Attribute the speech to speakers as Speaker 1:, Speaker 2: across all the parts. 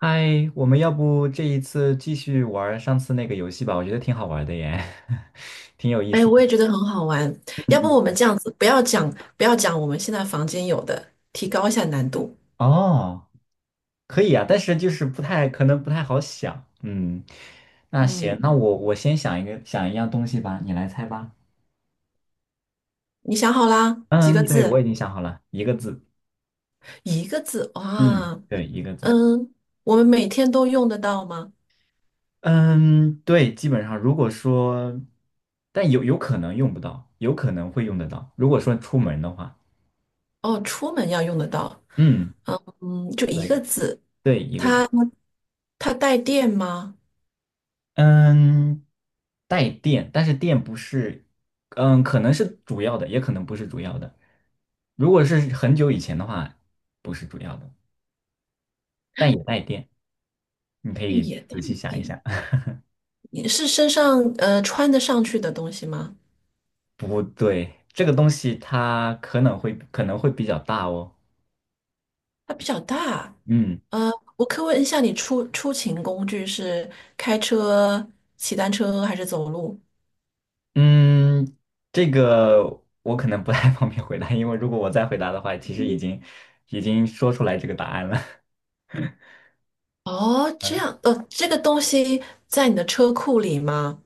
Speaker 1: 嗨，我们要不这一次继续玩儿上次那个游戏吧？我觉得挺好玩的耶，挺有意
Speaker 2: 哎，
Speaker 1: 思
Speaker 2: 我
Speaker 1: 的。
Speaker 2: 也觉得很好玩。
Speaker 1: 嗯
Speaker 2: 要不我们
Speaker 1: 嗯。
Speaker 2: 这样子，不要讲，不要讲我们现在房间有的，提高一下难度。
Speaker 1: 哦，可以啊，但是就是不太可能不太好想。嗯，那行，那
Speaker 2: 嗯，
Speaker 1: 我先想一个想一样东西吧，你来猜吧。
Speaker 2: 你想好啦？几个
Speaker 1: 嗯，对，我
Speaker 2: 字？
Speaker 1: 已经想好了，一个字。
Speaker 2: 一个字。
Speaker 1: 嗯，
Speaker 2: 哇，
Speaker 1: 对，一个字。
Speaker 2: 嗯，我们每天都用得到吗？
Speaker 1: 嗯，对，基本上如果说，但有可能用不到，有可能会用得到。如果说出门的话，
Speaker 2: 哦，出门要用得到。
Speaker 1: 嗯，
Speaker 2: 嗯，就一个
Speaker 1: 对
Speaker 2: 字。
Speaker 1: 对，一个字。
Speaker 2: 它带电吗？
Speaker 1: 嗯，带电，但是电不是，嗯，可能是主要的，也可能不是主要的。如果是很久以前的话，不是主要的，但也带电。你可以
Speaker 2: 也带
Speaker 1: 仔细想一
Speaker 2: 电。
Speaker 1: 想。
Speaker 2: 你是身上穿得上去的东西吗？
Speaker 1: 不对，这个东西它可能会比较大哦。
Speaker 2: 它比较大。
Speaker 1: 嗯
Speaker 2: 呃，我可以问一下，你出勤工具是开车、骑单车还是走路？
Speaker 1: 嗯，这个我可能不太方便回答，因为如果我再回答的话，其实已经说出来这个答案了。
Speaker 2: 哦，这
Speaker 1: 嗯
Speaker 2: 样，呃，这个东西在你的车库里吗？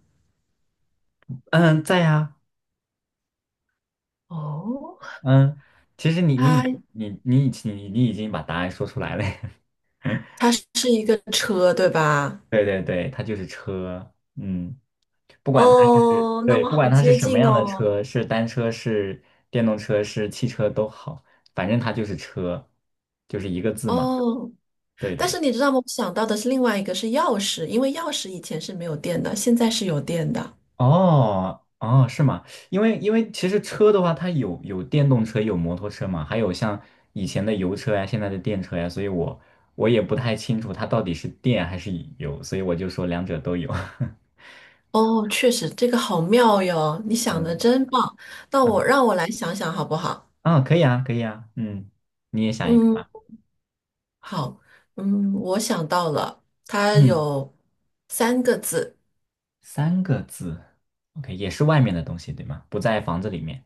Speaker 1: 嗯，在呀。
Speaker 2: 哦，
Speaker 1: 嗯，其实你你
Speaker 2: 它
Speaker 1: 你你已经你你已经把答案说出来了。
Speaker 2: 它是一个车，对吧？
Speaker 1: 对对对，它就是车，嗯，不管
Speaker 2: 哦，那
Speaker 1: 对
Speaker 2: 我
Speaker 1: 不
Speaker 2: 好
Speaker 1: 管它是
Speaker 2: 接
Speaker 1: 什么
Speaker 2: 近
Speaker 1: 样的
Speaker 2: 哦。
Speaker 1: 车，是单车是电动车是汽车都好，反正它就是车，就是一个字嘛。
Speaker 2: 哦，
Speaker 1: 对对
Speaker 2: 但
Speaker 1: 对。
Speaker 2: 是你知道吗？我想到的是另外一个是钥匙，因为钥匙以前是没有电的，现在是有电的。
Speaker 1: 哦哦，是吗？因为其实车的话，它有电动车有摩托车嘛，还有像以前的油车呀，现在的电车呀，所以我也不太清楚它到底是电还是油，所以我就说两者都有。
Speaker 2: 哦，确实，这个好妙哟，你想的
Speaker 1: 嗯
Speaker 2: 真棒。那我
Speaker 1: 嗯，
Speaker 2: 让我来想想好不好？
Speaker 1: 啊，可以啊，可以啊，嗯，你也想一个
Speaker 2: 嗯。
Speaker 1: 吧。
Speaker 2: 好，嗯，我想到了，它
Speaker 1: 嗯，
Speaker 2: 有三个字，
Speaker 1: 三个字，OK,也是外面的东西，对吗？不在房子里面，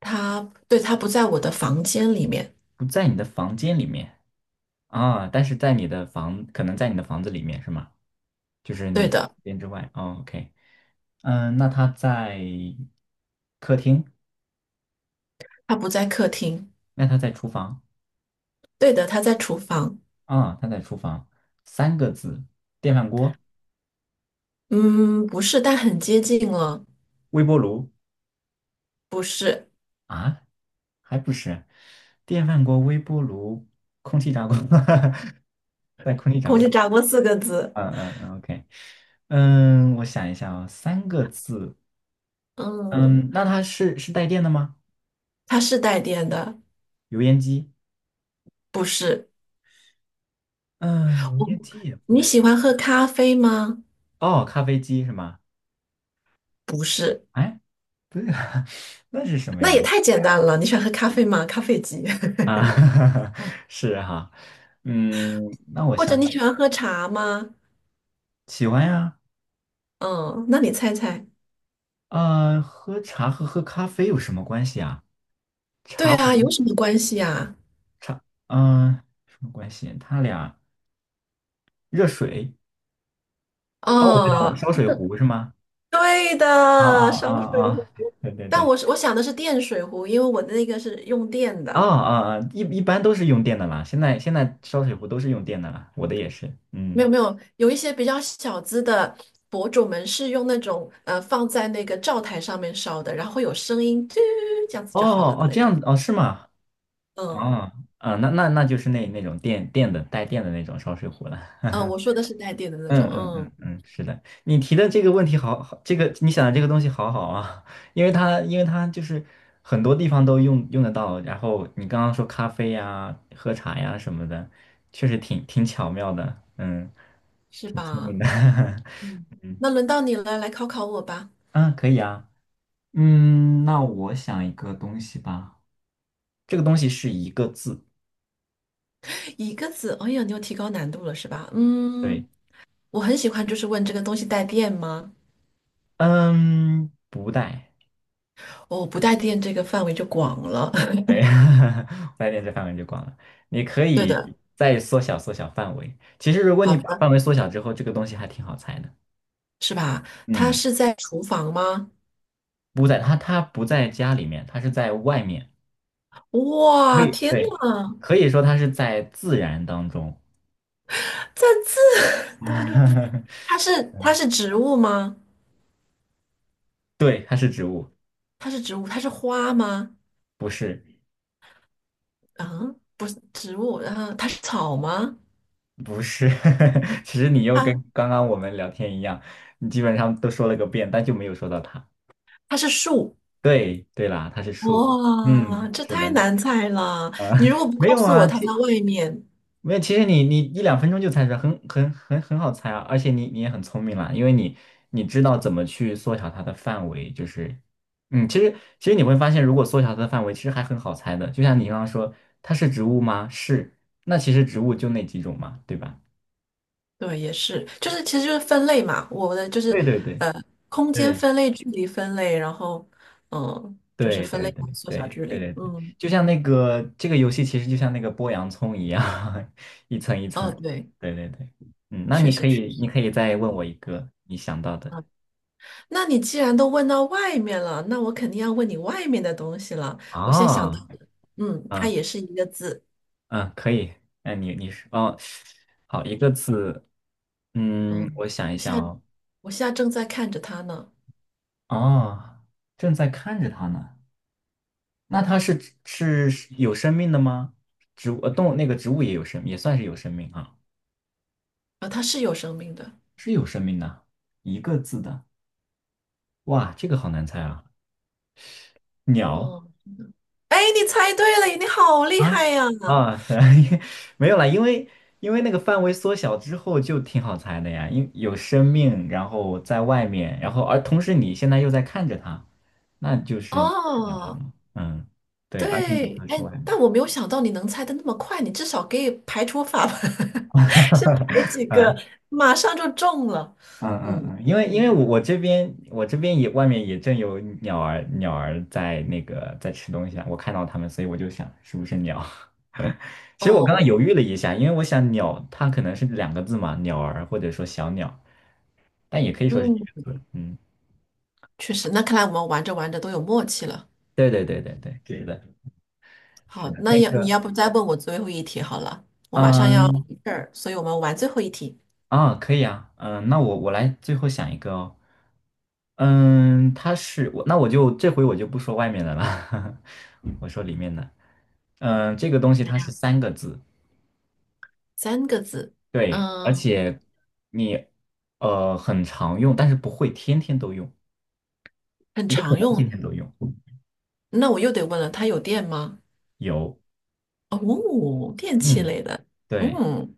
Speaker 2: 它对，它不在我的房间里面，
Speaker 1: 不在你的房间里面啊，但是在你的房，可能在你的房子里面是吗？就是你
Speaker 2: 对
Speaker 1: 房
Speaker 2: 的，
Speaker 1: 间之外。哦，OK,嗯，那他在客厅，
Speaker 2: 它不在客厅，
Speaker 1: 那他在厨房。
Speaker 2: 对的，它在厨房，
Speaker 1: 啊，他在厨房，三个字，电饭锅、
Speaker 2: 嗯，不是，但很接近了，
Speaker 1: 微波炉。
Speaker 2: 不是，
Speaker 1: 啊，还不是，电饭锅、微波炉、空气炸锅。在空气炸
Speaker 2: 空
Speaker 1: 锅
Speaker 2: 气
Speaker 1: 里。
Speaker 2: 炸锅四个字，
Speaker 1: 嗯嗯嗯，OK,嗯，我想一下啊，三个字。
Speaker 2: 嗯，
Speaker 1: 嗯，那它是带电的吗？
Speaker 2: 它是带电的，
Speaker 1: 油烟机？
Speaker 2: 不是，
Speaker 1: 嗯，油
Speaker 2: 我，
Speaker 1: 烟机也不
Speaker 2: 你
Speaker 1: 是。
Speaker 2: 喜欢喝咖啡吗？
Speaker 1: 哦，咖啡机是吗？
Speaker 2: 不是，
Speaker 1: 哎，那是什么
Speaker 2: 那也
Speaker 1: 呀？
Speaker 2: 太简单了，你喜欢喝咖啡吗？咖啡机，
Speaker 1: 啊，是哈，嗯，那 我
Speaker 2: 或
Speaker 1: 想
Speaker 2: 者你
Speaker 1: 想。
Speaker 2: 喜欢喝茶吗？
Speaker 1: 喜欢呀，
Speaker 2: 嗯，那你猜猜。
Speaker 1: 喝茶和喝咖啡有什么关系啊？
Speaker 2: 对
Speaker 1: 茶
Speaker 2: 啊，有
Speaker 1: 壶，
Speaker 2: 什么关系呀、
Speaker 1: 茶，嗯，什么关系？它俩。热水。哦，我知道
Speaker 2: 啊？
Speaker 1: 了，烧
Speaker 2: 嗯
Speaker 1: 水壶是吗？
Speaker 2: 对
Speaker 1: 啊
Speaker 2: 的，
Speaker 1: 啊
Speaker 2: 烧
Speaker 1: 啊
Speaker 2: 水
Speaker 1: 啊！
Speaker 2: 壶。
Speaker 1: 对对
Speaker 2: 但
Speaker 1: 对！
Speaker 2: 我想的是电水壶，因为我的那个是用电
Speaker 1: 啊
Speaker 2: 的。
Speaker 1: 啊啊！一般都是用电的啦，现在烧水壶都是用电的啦，我的也是。
Speaker 2: 没
Speaker 1: 嗯，
Speaker 2: 有没有，有一些比较小资的博主们是用那种放在那个灶台上面烧的，然后会有声音，嘟这样子
Speaker 1: 哦
Speaker 2: 就好了的
Speaker 1: 哦，
Speaker 2: 那
Speaker 1: 这
Speaker 2: 种。
Speaker 1: 样子哦，是吗？
Speaker 2: 嗯
Speaker 1: 啊啊，那那那就是那那种电电的带电的那种烧水壶了。
Speaker 2: 嗯，我说的是带电的那
Speaker 1: 嗯
Speaker 2: 种，
Speaker 1: 嗯
Speaker 2: 嗯，
Speaker 1: 嗯嗯，是的，你提的这个问题好好，这个你想的这个东西好好啊。因为它就是很多地方都用得到，然后你刚刚说咖啡呀、喝茶呀什么的，确实挺巧妙的，嗯，
Speaker 2: 是
Speaker 1: 挺聪
Speaker 2: 吧？
Speaker 1: 明的。
Speaker 2: 嗯，那轮到你了，来考考我吧。
Speaker 1: 嗯，可以啊，嗯，那我想一个东西吧，这个东西是一个字，
Speaker 2: 一个字，哎呀，你又提高难度了是吧？嗯，
Speaker 1: 对，
Speaker 2: 我很喜欢，就是问这个东西带电吗？
Speaker 1: 嗯，不带。
Speaker 2: 哦，不带电这个范围就广了。
Speaker 1: 哎，白天这范围就广了。你可
Speaker 2: 对
Speaker 1: 以
Speaker 2: 的，
Speaker 1: 再缩小缩小范围。其实，如果
Speaker 2: 好
Speaker 1: 你把
Speaker 2: 的，
Speaker 1: 范围缩小之后，这个东西还挺好猜的。
Speaker 2: 是吧？它
Speaker 1: 嗯，
Speaker 2: 是在厨房吗？
Speaker 1: 不在它，它不在家里面，它是在外面。可
Speaker 2: 哇，
Speaker 1: 以，
Speaker 2: 天
Speaker 1: 对，
Speaker 2: 呐，
Speaker 1: 可以说它是在自然当中。
Speaker 2: 赞字，等等，它是植物吗？
Speaker 1: 对，它是植物。
Speaker 2: 它是植物，它是花吗？
Speaker 1: 不是，
Speaker 2: 啊，不是植物，然后它是草吗？
Speaker 1: 不是。其实你又
Speaker 2: 它
Speaker 1: 跟刚刚我们聊天一样，你基本上都说了个遍，但就没有说到它。
Speaker 2: 它是树。
Speaker 1: 对，对啦，它是树。嗯，
Speaker 2: 哇，这
Speaker 1: 是
Speaker 2: 太
Speaker 1: 的，
Speaker 2: 难猜了！
Speaker 1: 啊。
Speaker 2: 你如果 不
Speaker 1: 没
Speaker 2: 告
Speaker 1: 有
Speaker 2: 诉我
Speaker 1: 啊，
Speaker 2: 它在外面，
Speaker 1: 没有，其实你一两分钟就猜出来，很好猜啊，而且你也很聪明啦，因为你知道怎么去缩小它的范围，就是，嗯，其实你会发现，如果缩小它的范围，其实还很好猜的，就像你刚刚说，它是植物吗？是。那其实植物就那几种嘛，对吧？
Speaker 2: 对，也是，就是其实就是分类嘛，我的就是
Speaker 1: 对对对
Speaker 2: 呃，空间
Speaker 1: 对
Speaker 2: 分类、距离分类，然后嗯、呃就是
Speaker 1: 对
Speaker 2: 分
Speaker 1: 对
Speaker 2: 类
Speaker 1: 对
Speaker 2: 缩小
Speaker 1: 对
Speaker 2: 距
Speaker 1: 对
Speaker 2: 离，
Speaker 1: 对对，
Speaker 2: 嗯
Speaker 1: 就像这个游戏，其实就像那个剥洋葱一样。一层一层。
Speaker 2: 嗯，对，
Speaker 1: 对对对。嗯，那
Speaker 2: 确
Speaker 1: 你可
Speaker 2: 实确
Speaker 1: 以
Speaker 2: 实。
Speaker 1: 你可以再问我一个你想到的。
Speaker 2: 那你既然都问到外面了，那我肯定要问你外面的东西了。我现在想到
Speaker 1: 啊，
Speaker 2: 的，嗯，它
Speaker 1: 嗯
Speaker 2: 也是一个字，
Speaker 1: 嗯，可以。那你你是哦，好，一个字，嗯，
Speaker 2: 嗯，
Speaker 1: 我想一
Speaker 2: 我
Speaker 1: 下
Speaker 2: 现在
Speaker 1: 哦。
Speaker 2: 我现在正在看着它呢，
Speaker 1: 哦，正在看着它呢。那它是有生命的吗？植物动物那个植物也有生，也算是有生命啊。
Speaker 2: 啊，它是有生命的，
Speaker 1: 一个字的，哇，这个好难猜啊。鸟。
Speaker 2: 嗯，哎，你猜对了，你好厉
Speaker 1: 啊
Speaker 2: 害呀！
Speaker 1: 啊，是。 没有啦，因为那个范围缩小之后就挺好猜的呀，因有生命，然后在外面，然后而同时你现在又在看着它。那鸟了
Speaker 2: 哦，
Speaker 1: 吗？嗯，对，而且你
Speaker 2: 对，
Speaker 1: 还
Speaker 2: 哎，
Speaker 1: 说呀。
Speaker 2: 但我没有想到你能猜的那么快，你至少可以排除法吧，先排几 个，
Speaker 1: 嗯
Speaker 2: 马上就中了。
Speaker 1: 嗯嗯
Speaker 2: 嗯，
Speaker 1: 嗯，
Speaker 2: 厉
Speaker 1: 因为
Speaker 2: 害
Speaker 1: 因
Speaker 2: 厉
Speaker 1: 为
Speaker 2: 害。
Speaker 1: 我这边也外面也正有鸟儿在那个在吃东西啊，我看到它们，所以我就想是不是鸟。其实我刚刚犹
Speaker 2: 哦，
Speaker 1: 豫了一下，因为我想鸟它可能是两个字嘛，鸟儿或者说小鸟，但也可以说是一
Speaker 2: 嗯，
Speaker 1: 个字。嗯，
Speaker 2: 确实，那看来我们玩着玩着都有默契了。
Speaker 1: 对对对对对，是的，是
Speaker 2: 好，
Speaker 1: 的，
Speaker 2: 那要你要不再问我最后一题好了，我马上要
Speaker 1: 嗯
Speaker 2: 回这儿，所以我们玩最后一题，
Speaker 1: 可以啊，嗯，那我来最后想一个哦。嗯，它是我，那我就这回我就不说外面的了。我说里面的。嗯，这个东西它是三个字，
Speaker 2: 三个字，
Speaker 1: 对，而
Speaker 2: 嗯，
Speaker 1: 且你很常用，但是不会天天都用，
Speaker 2: 很
Speaker 1: 也可
Speaker 2: 常
Speaker 1: 能
Speaker 2: 用。
Speaker 1: 天天都用。
Speaker 2: 那我又得问了，它有电吗？
Speaker 1: 有，
Speaker 2: 哦，电器
Speaker 1: 嗯，
Speaker 2: 类的，
Speaker 1: 对
Speaker 2: 嗯，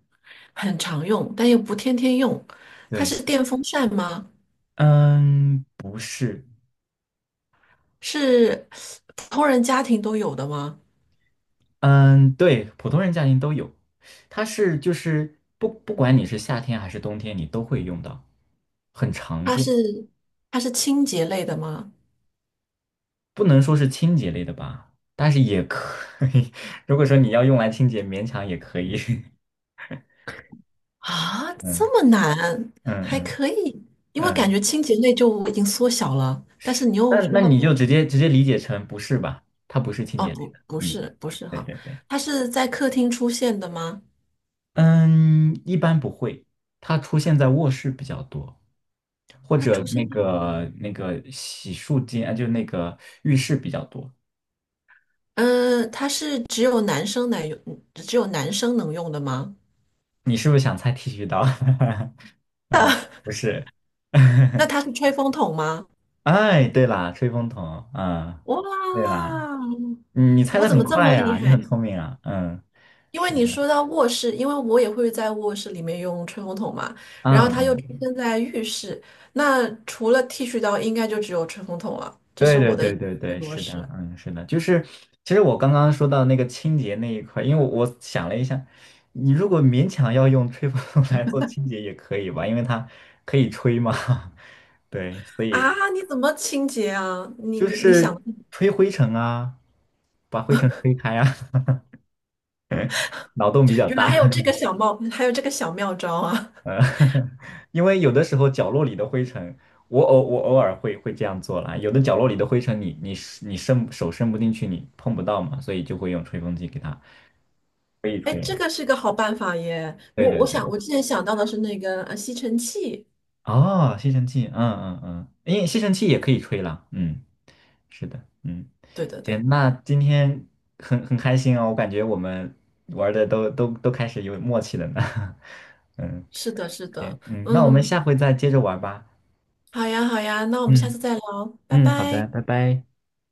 Speaker 2: 很常用，但又不天天用。它
Speaker 1: 对，
Speaker 2: 是电风扇吗？
Speaker 1: 嗯，不是，
Speaker 2: 是普通人家庭都有的吗？
Speaker 1: 嗯，对，普通人家庭都有。它就是不管你是夏天还是冬天，你都会用到，很常
Speaker 2: 它
Speaker 1: 见。
Speaker 2: 是它是清洁类的吗？
Speaker 1: 不能说是清洁类的吧，但是也可以。如果说你要用来清洁，勉强也可以。
Speaker 2: 啊，
Speaker 1: 嗯
Speaker 2: 这么难，
Speaker 1: 嗯
Speaker 2: 还
Speaker 1: 嗯
Speaker 2: 可以，因为感
Speaker 1: 嗯，
Speaker 2: 觉清洁类就已经缩小了，但是你
Speaker 1: 那
Speaker 2: 又说
Speaker 1: 那
Speaker 2: 话
Speaker 1: 你就
Speaker 2: 不，
Speaker 1: 直接理解成不是吧？它不是清
Speaker 2: 哦，
Speaker 1: 洁类
Speaker 2: 不，
Speaker 1: 的。
Speaker 2: 不
Speaker 1: 嗯，
Speaker 2: 是，不是
Speaker 1: 对
Speaker 2: 哈，
Speaker 1: 对对，
Speaker 2: 它是在客厅出现的吗？
Speaker 1: 嗯，一般不会，它出现在卧室比较多，或
Speaker 2: 它
Speaker 1: 者
Speaker 2: 出现
Speaker 1: 那
Speaker 2: 在，
Speaker 1: 个那个洗漱间，啊，就那个浴室比较多。
Speaker 2: 它是只有男生能用，只有男生能用的吗？
Speaker 1: 你是不是想猜剃须刀？嗯，不是。
Speaker 2: 那它是吹风筒吗？
Speaker 1: 哎，对啦，吹风筒啊，
Speaker 2: 哇，
Speaker 1: 对啦，你猜
Speaker 2: 我
Speaker 1: 的
Speaker 2: 怎
Speaker 1: 很
Speaker 2: 么这
Speaker 1: 快
Speaker 2: 么厉
Speaker 1: 呀，你
Speaker 2: 害？
Speaker 1: 很聪明啊，嗯，
Speaker 2: 因为
Speaker 1: 是
Speaker 2: 你
Speaker 1: 的，
Speaker 2: 说到卧室，因为我也会在卧室里面用吹风筒嘛，然
Speaker 1: 嗯
Speaker 2: 后它又出
Speaker 1: 嗯，
Speaker 2: 现在浴室，那除了剃须刀，应该就只有吹风筒了。这是
Speaker 1: 对对
Speaker 2: 我的一
Speaker 1: 对对
Speaker 2: 个
Speaker 1: 对，
Speaker 2: 模
Speaker 1: 是的，
Speaker 2: 式
Speaker 1: 嗯，是的，就是其实我刚刚说到那个清洁那一块，因为我想了一下，你如果勉强要用吹风筒来做清洁也可以吧，因为它可以吹嘛。对，所以
Speaker 2: 啊！你怎么清洁啊？你
Speaker 1: 就
Speaker 2: 你你想，
Speaker 1: 是吹灰尘啊，把灰尘吹开啊。脑洞比较
Speaker 2: 原来还
Speaker 1: 大，
Speaker 2: 有这个小妙，还有这个小妙招啊！
Speaker 1: 因为有的时候角落里的灰尘，我偶尔会这样做啦。有的角落里的灰尘你伸手伸不进去，你碰不到嘛，所以就会用吹风机给它。
Speaker 2: 哎，这个是个好办法耶！
Speaker 1: 对
Speaker 2: 我
Speaker 1: 对
Speaker 2: 我
Speaker 1: 对，
Speaker 2: 想，我之前想到的是那个吸尘器。
Speaker 1: 哦，吸尘器，嗯嗯嗯，因为吸尘器也可以吹啦。嗯，是的，嗯，
Speaker 2: 对的，对，
Speaker 1: 行，那今天很开心哦，我感觉我们玩的都开始有默契了呢。嗯
Speaker 2: 是的，是的，
Speaker 1: 嗯，那我们
Speaker 2: 嗯，
Speaker 1: 下回再接着玩吧。
Speaker 2: 好呀，好呀，那我们下
Speaker 1: 嗯
Speaker 2: 次再聊，拜
Speaker 1: 嗯，好
Speaker 2: 拜。
Speaker 1: 的，拜拜。